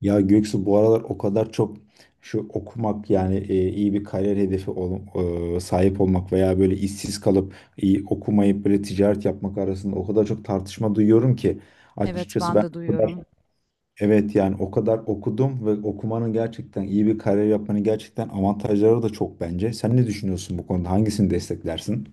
Ya Göksu bu aralar o kadar çok şu okumak yani e, iyi bir kariyer sahip olmak veya böyle işsiz kalıp iyi okumayıp böyle ticaret yapmak arasında o kadar çok tartışma duyuyorum ki Evet, açıkçası ben ben de o kadar duyuyorum. evet yani o kadar okudum ve okumanın gerçekten iyi bir kariyer yapmanın gerçekten avantajları da çok bence. Sen ne düşünüyorsun bu konuda? Hangisini desteklersin?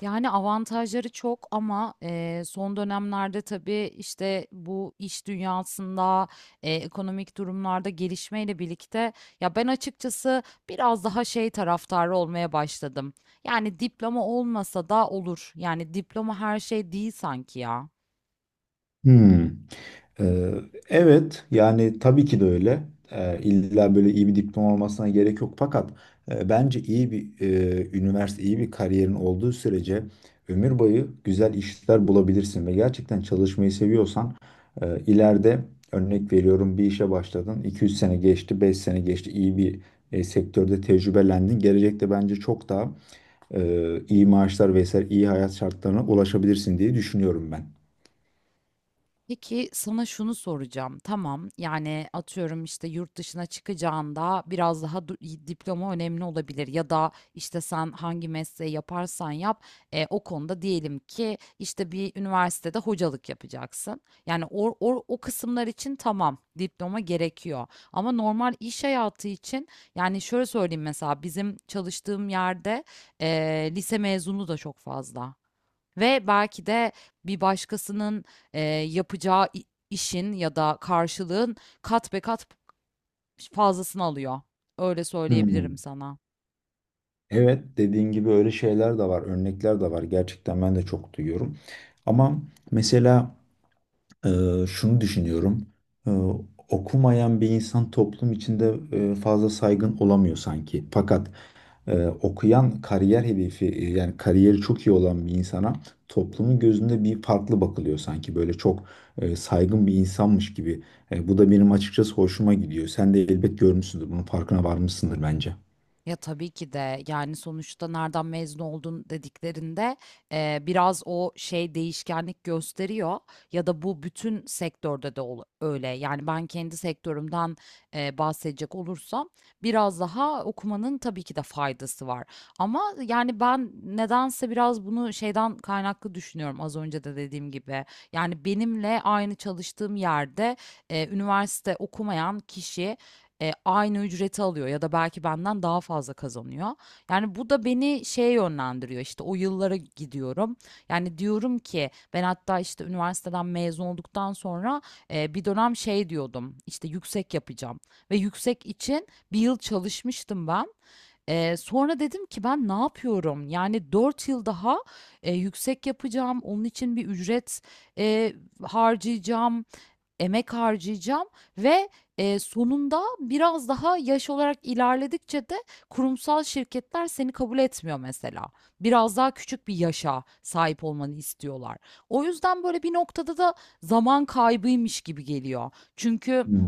Yani avantajları çok ama son dönemlerde tabii işte bu iş dünyasında ekonomik durumlarda gelişmeyle birlikte ya ben açıkçası biraz daha şey taraftarı olmaya başladım. Yani diploma olmasa da olur. Yani diploma her şey değil sanki ya. Hmm. Ee, evet, yani tabii ki de öyle. İlla böyle iyi bir diploma olmasına gerek yok. Fakat bence iyi bir üniversite, iyi bir kariyerin olduğu sürece ömür boyu güzel işler bulabilirsin ve gerçekten çalışmayı seviyorsan ileride örnek veriyorum bir işe başladın. 2-3 sene geçti, 5 sene geçti. İyi bir sektörde tecrübelendin. Gelecekte bence çok daha iyi maaşlar vesaire iyi hayat şartlarına ulaşabilirsin diye düşünüyorum ben. Peki sana şunu soracağım. Tamam, yani atıyorum işte yurt dışına çıkacağında biraz daha diploma önemli olabilir ya da işte sen hangi mesleği yaparsan yap, o konuda diyelim ki işte bir üniversitede hocalık yapacaksın. Yani o kısımlar için tamam diploma gerekiyor ama normal iş hayatı için yani şöyle söyleyeyim mesela bizim çalıştığım yerde e, lise mezunu da çok fazla. Ve belki de bir başkasının yapacağı işin ya da karşılığın kat be kat fazlasını alıyor. Öyle söyleyebilirim Hmm. sana. Evet, dediğin gibi öyle şeyler de var, örnekler de var. Gerçekten ben de çok duyuyorum. Ama mesela, e, şunu düşünüyorum. E, Okumayan bir insan toplum içinde fazla saygın olamıyor sanki. Fakat okuyan, kariyer hedefi, yani kariyeri çok iyi olan bir insana toplumun gözünde bir farklı bakılıyor sanki. Böyle çok saygın bir insanmış gibi. Bu da benim açıkçası hoşuma gidiyor. Sen de elbet görmüşsündür. Bunun farkına varmışsındır bence. Ya tabii ki de yani sonuçta nereden mezun oldun dediklerinde biraz o şey değişkenlik gösteriyor ya da bu bütün sektörde de öyle. Yani ben kendi sektörümden bahsedecek olursam biraz daha okumanın tabii ki de faydası var. Ama yani ben nedense biraz bunu şeyden kaynaklı düşünüyorum az önce de dediğim gibi. Yani benimle aynı çalıştığım yerde üniversite okumayan kişi, aynı ücreti alıyor ya da belki benden daha fazla kazanıyor. Yani bu da beni şeye yönlendiriyor işte o yıllara gidiyorum. Yani diyorum ki ben hatta işte üniversiteden mezun olduktan sonra bir dönem şey diyordum işte yüksek yapacağım ve yüksek için bir yıl çalışmıştım ben. Sonra dedim ki ben ne yapıyorum? Yani 4 yıl daha yüksek yapacağım. Onun için bir ücret e, harcayacağım emek harcayacağım ve, sonunda biraz daha yaş olarak ilerledikçe de kurumsal şirketler seni kabul etmiyor mesela. Biraz daha küçük bir yaşa sahip olmanı istiyorlar. O yüzden böyle bir noktada da zaman kaybıymış gibi geliyor. Çünkü Hmm.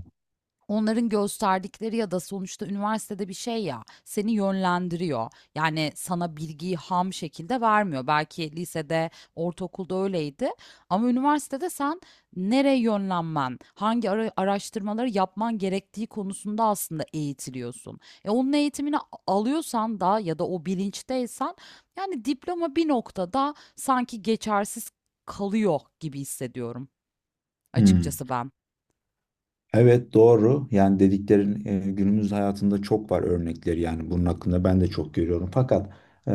onların gösterdikleri ya da sonuçta üniversitede bir şey ya seni yönlendiriyor. Yani sana bilgiyi ham şekilde vermiyor. Belki lisede, ortaokulda öyleydi ama üniversitede sen nereye yönlenmen, hangi araştırmaları yapman gerektiği konusunda aslında eğitiliyorsun. E onun eğitimini alıyorsan da ya da o bilinçteysen yani diploma bir noktada sanki geçersiz kalıyor gibi hissediyorum Hmm. açıkçası ben. Evet, doğru. Yani dediklerin, günümüz hayatında çok var örnekleri, yani bunun hakkında ben de çok görüyorum. Fakat e,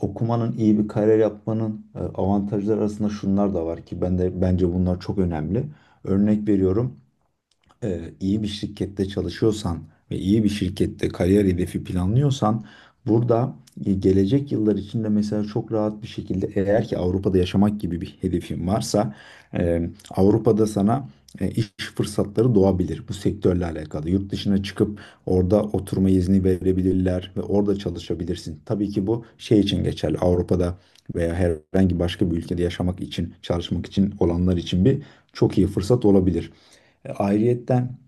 okumanın, iyi bir kariyer yapmanın, avantajları arasında şunlar da var ki ben de bence bunlar çok önemli. Örnek veriyorum, iyi bir şirkette çalışıyorsan ve iyi bir şirkette kariyer hedefi planlıyorsan, burada gelecek yıllar içinde mesela çok rahat bir şekilde, eğer ki Avrupa'da yaşamak gibi bir hedefin varsa, e, Avrupa'da sana iş fırsatları doğabilir bu sektörle alakalı. Yurt dışına çıkıp orada oturma izni verebilirler ve orada çalışabilirsin. Tabii ki bu şey için geçerli. Avrupa'da veya herhangi başka bir ülkede yaşamak için, çalışmak için olanlar için bir çok iyi fırsat olabilir. Ayrıyetten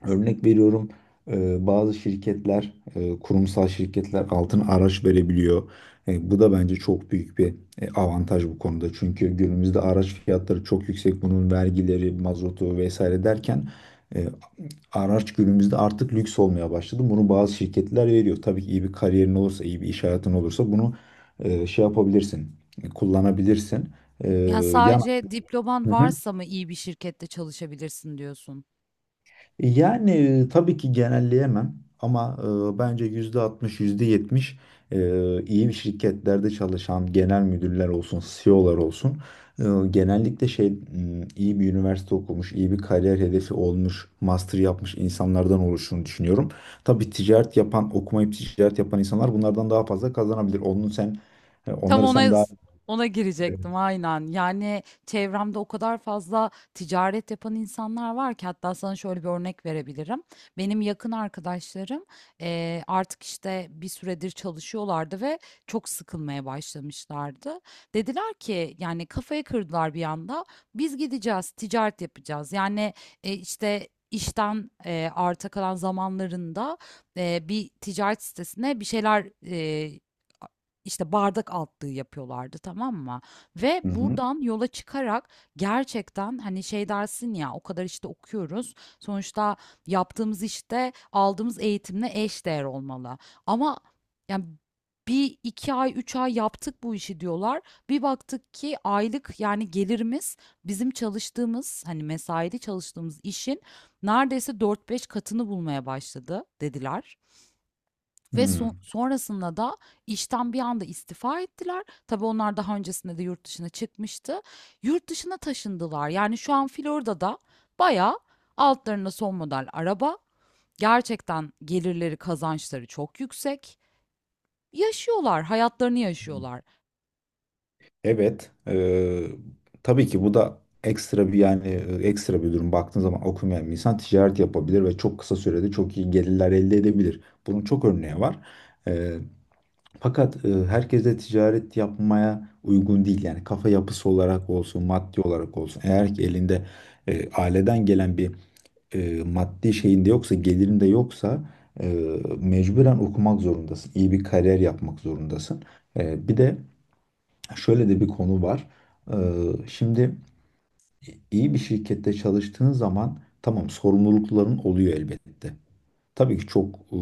örnek veriyorum, bazı şirketler, kurumsal şirketler altın araç verebiliyor. Bu da bence çok büyük bir avantaj bu konuda. Çünkü günümüzde araç fiyatları çok yüksek. Bunun vergileri, mazotu vesaire derken e, araç günümüzde artık lüks olmaya başladı. Bunu bazı şirketler veriyor. Tabii ki iyi bir kariyerin olursa, iyi bir iş hayatın olursa bunu şey yapabilirsin, kullanabilirsin. E, Yani yan, sadece diploman Hı hı. varsa mı iyi bir şirkette çalışabilirsin diyorsun? Yani tabii ki genelleyemem ama bence %60, %70 iyi şirketlerde çalışan genel müdürler olsun, CEO'lar olsun, e, genellikle iyi bir üniversite okumuş, iyi bir kariyer hedefi olmuş, master yapmış insanlardan oluştuğunu düşünüyorum. Tabii ticaret yapan, okumayıp ticaret yapan insanlar bunlardan daha fazla kazanabilir. Onun sen, Tam onları sen ona daha ona Evet. girecektim aynen. Yani çevremde o kadar fazla ticaret yapan insanlar var ki hatta sana şöyle bir örnek verebilirim. Benim yakın arkadaşlarım artık işte bir süredir çalışıyorlardı ve çok sıkılmaya başlamışlardı. Dediler ki yani kafayı kırdılar bir anda. Biz gideceğiz, ticaret yapacağız. Yani işte işten arta kalan zamanlarında bir ticaret sitesine bir şeyler, işte bardak altlığı yapıyorlardı, tamam mı? Ve Hı hı. buradan yola çıkarak gerçekten hani şey dersin ya o kadar işte okuyoruz. Sonuçta yaptığımız işte aldığımız eğitimle eş değer olmalı. Ama yani bir iki ay üç ay yaptık bu işi diyorlar. Bir baktık ki aylık yani gelirimiz bizim çalıştığımız hani mesaili çalıştığımız işin neredeyse dört beş katını bulmaya başladı dediler. Ve Hmm. Sonrasında da işten bir anda istifa ettiler. Tabii onlar daha öncesinde de yurt dışına çıkmıştı. Yurt dışına taşındılar. Yani şu an Florida'da bayağı altlarında son model araba. Gerçekten gelirleri, kazançları çok yüksek. Yaşıyorlar, hayatlarını yaşıyorlar. Evet, tabii ki bu da ekstra bir, yani ekstra bir durum. Baktığın zaman okumayan bir insan ticaret yapabilir ve çok kısa sürede çok iyi gelirler elde edebilir. Bunun çok örneği var. Eee, Fakat herkes de ticaret yapmaya uygun değil. Yani kafa yapısı olarak olsun, maddi olarak olsun. Eğer ki elinde aileden gelen bir maddi şeyinde yoksa, gelirinde yoksa, e, mecburen okumak zorundasın. İyi bir kariyer yapmak zorundasın. Bir de şöyle de bir konu var. Ee, Şimdi iyi bir şirkette çalıştığın zaman, tamam, sorumlulukların oluyor elbette. Tabii ki çok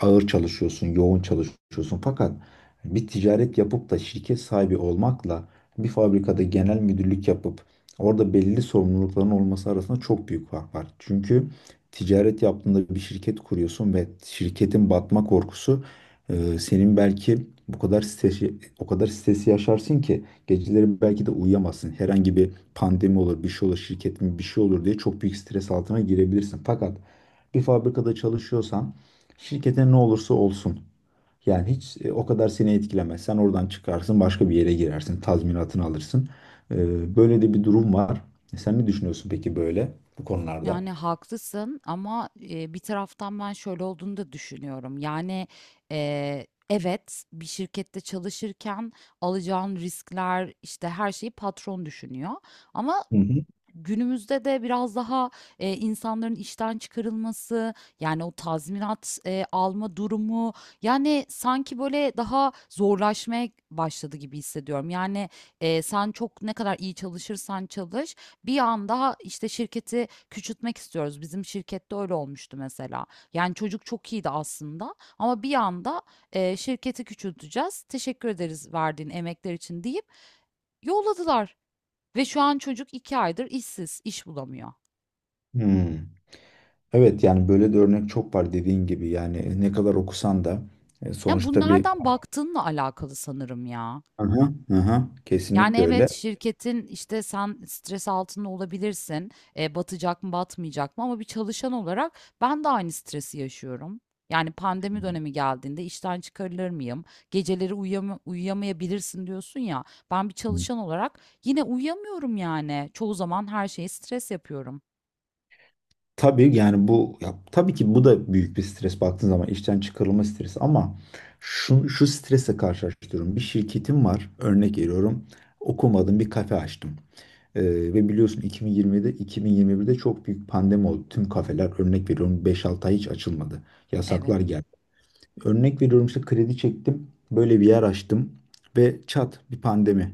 ağır çalışıyorsun, yoğun çalışıyorsun. Fakat bir ticaret yapıp da şirket sahibi olmakla bir fabrikada genel müdürlük yapıp orada belli sorumlulukların olması arasında çok büyük fark var. Çünkü ticaret yaptığında bir şirket kuruyorsun ve şirketin batma korkusu, senin belki bu kadar stresi, o kadar stresi yaşarsın ki geceleri belki de uyuyamazsın. Herhangi bir pandemi olur, bir şey olur, şirketin bir şey olur diye çok büyük stres altına girebilirsin. Fakat bir fabrikada çalışıyorsan, şirkete ne olursa olsun, yani hiç o kadar seni etkilemez. Sen oradan çıkarsın, başka bir yere girersin, tazminatını alırsın. Böyle de bir durum var. Sen ne düşünüyorsun peki böyle bu konularda? Yani haklısın ama bir taraftan ben şöyle olduğunu da düşünüyorum. Yani evet bir şirkette çalışırken alacağın riskler işte her şeyi patron düşünüyor. Ama Hı hı. günümüzde de biraz daha insanların işten çıkarılması yani o tazminat alma durumu yani sanki böyle daha zorlaşmaya başladı gibi hissediyorum. Yani sen çok ne kadar iyi çalışırsan çalış. Bir anda işte şirketi küçültmek istiyoruz. Bizim şirkette öyle olmuştu mesela. Yani çocuk çok iyiydi aslında ama bir anda şirketi küçülteceğiz. Teşekkür ederiz verdiğin emekler için deyip yolladılar. Ve şu an çocuk iki aydır işsiz, iş bulamıyor. Hmm. Evet, yani böyle de örnek çok var dediğin gibi. Yani ne kadar okusan da, Yani bu sonuçta bir... nereden baktığınla alakalı sanırım ya. Aha, aha, Yani kesinlikle evet öyle. şirketin işte sen stres altında olabilirsin. E, batacak mı batmayacak mı ama bir çalışan olarak ben de aynı stresi yaşıyorum. Yani pandemi dönemi geldiğinde işten çıkarılır mıyım? Geceleri uyuyamayabilirsin diyorsun ya. Ben bir çalışan olarak yine uyuyamıyorum yani. Çoğu zaman her şeyi stres yapıyorum. Tabii, yani bu ya, tabii ki bu da büyük bir stres baktığın zaman, işten çıkarılma stresi, ama şu strese karşılaştırıyorum. Bir şirketim var, örnek veriyorum, okumadım, bir kafe açtım. Ve biliyorsun 2020'de 2021'de çok büyük pandemi oldu. Tüm kafeler, örnek veriyorum, 5-6 ay hiç açılmadı. Evet. Yasaklar geldi. Örnek veriyorum, işte kredi çektim, böyle bir yer açtım ve çat, bir pandemi.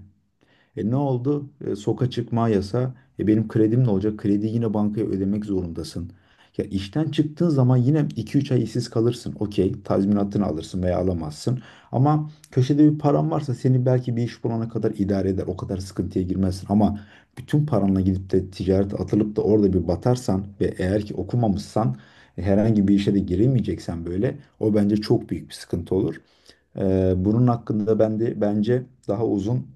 E ne oldu? E, soka çıkma yasa. E benim kredim ne olacak? Krediyi yine bankaya ödemek zorundasın. Ya işten çıktığın zaman yine 2-3 ay işsiz kalırsın. Okey, tazminatını alırsın veya alamazsın. Ama köşede bir paran varsa seni belki bir iş bulana kadar idare eder. O kadar sıkıntıya girmezsin. Ama bütün paranla gidip de ticarete atılıp da orada bir batarsan ve eğer ki okumamışsan, herhangi bir işe de giremeyeceksen, böyle o bence çok büyük bir sıkıntı olur. Bunun hakkında ben de bence daha uzun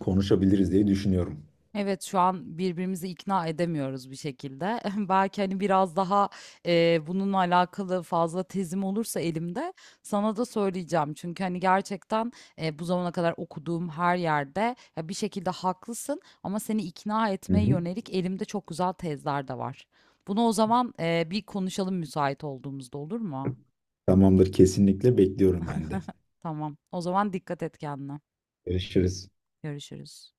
konuşabiliriz diye düşünüyorum. Evet şu an birbirimizi ikna edemiyoruz bir şekilde. Belki hani biraz daha bununla alakalı fazla tezim olursa elimde sana da söyleyeceğim. Çünkü hani gerçekten bu zamana kadar okuduğum her yerde ya bir şekilde haklısın ama seni ikna Hı etmeye hı. yönelik elimde çok güzel tezler de var. Bunu o zaman bir konuşalım müsait olduğumuzda olur mu? Tamamdır, kesinlikle bekliyorum ben de. Tamam. O zaman dikkat et kendine. Görüşürüz. Görüşürüz.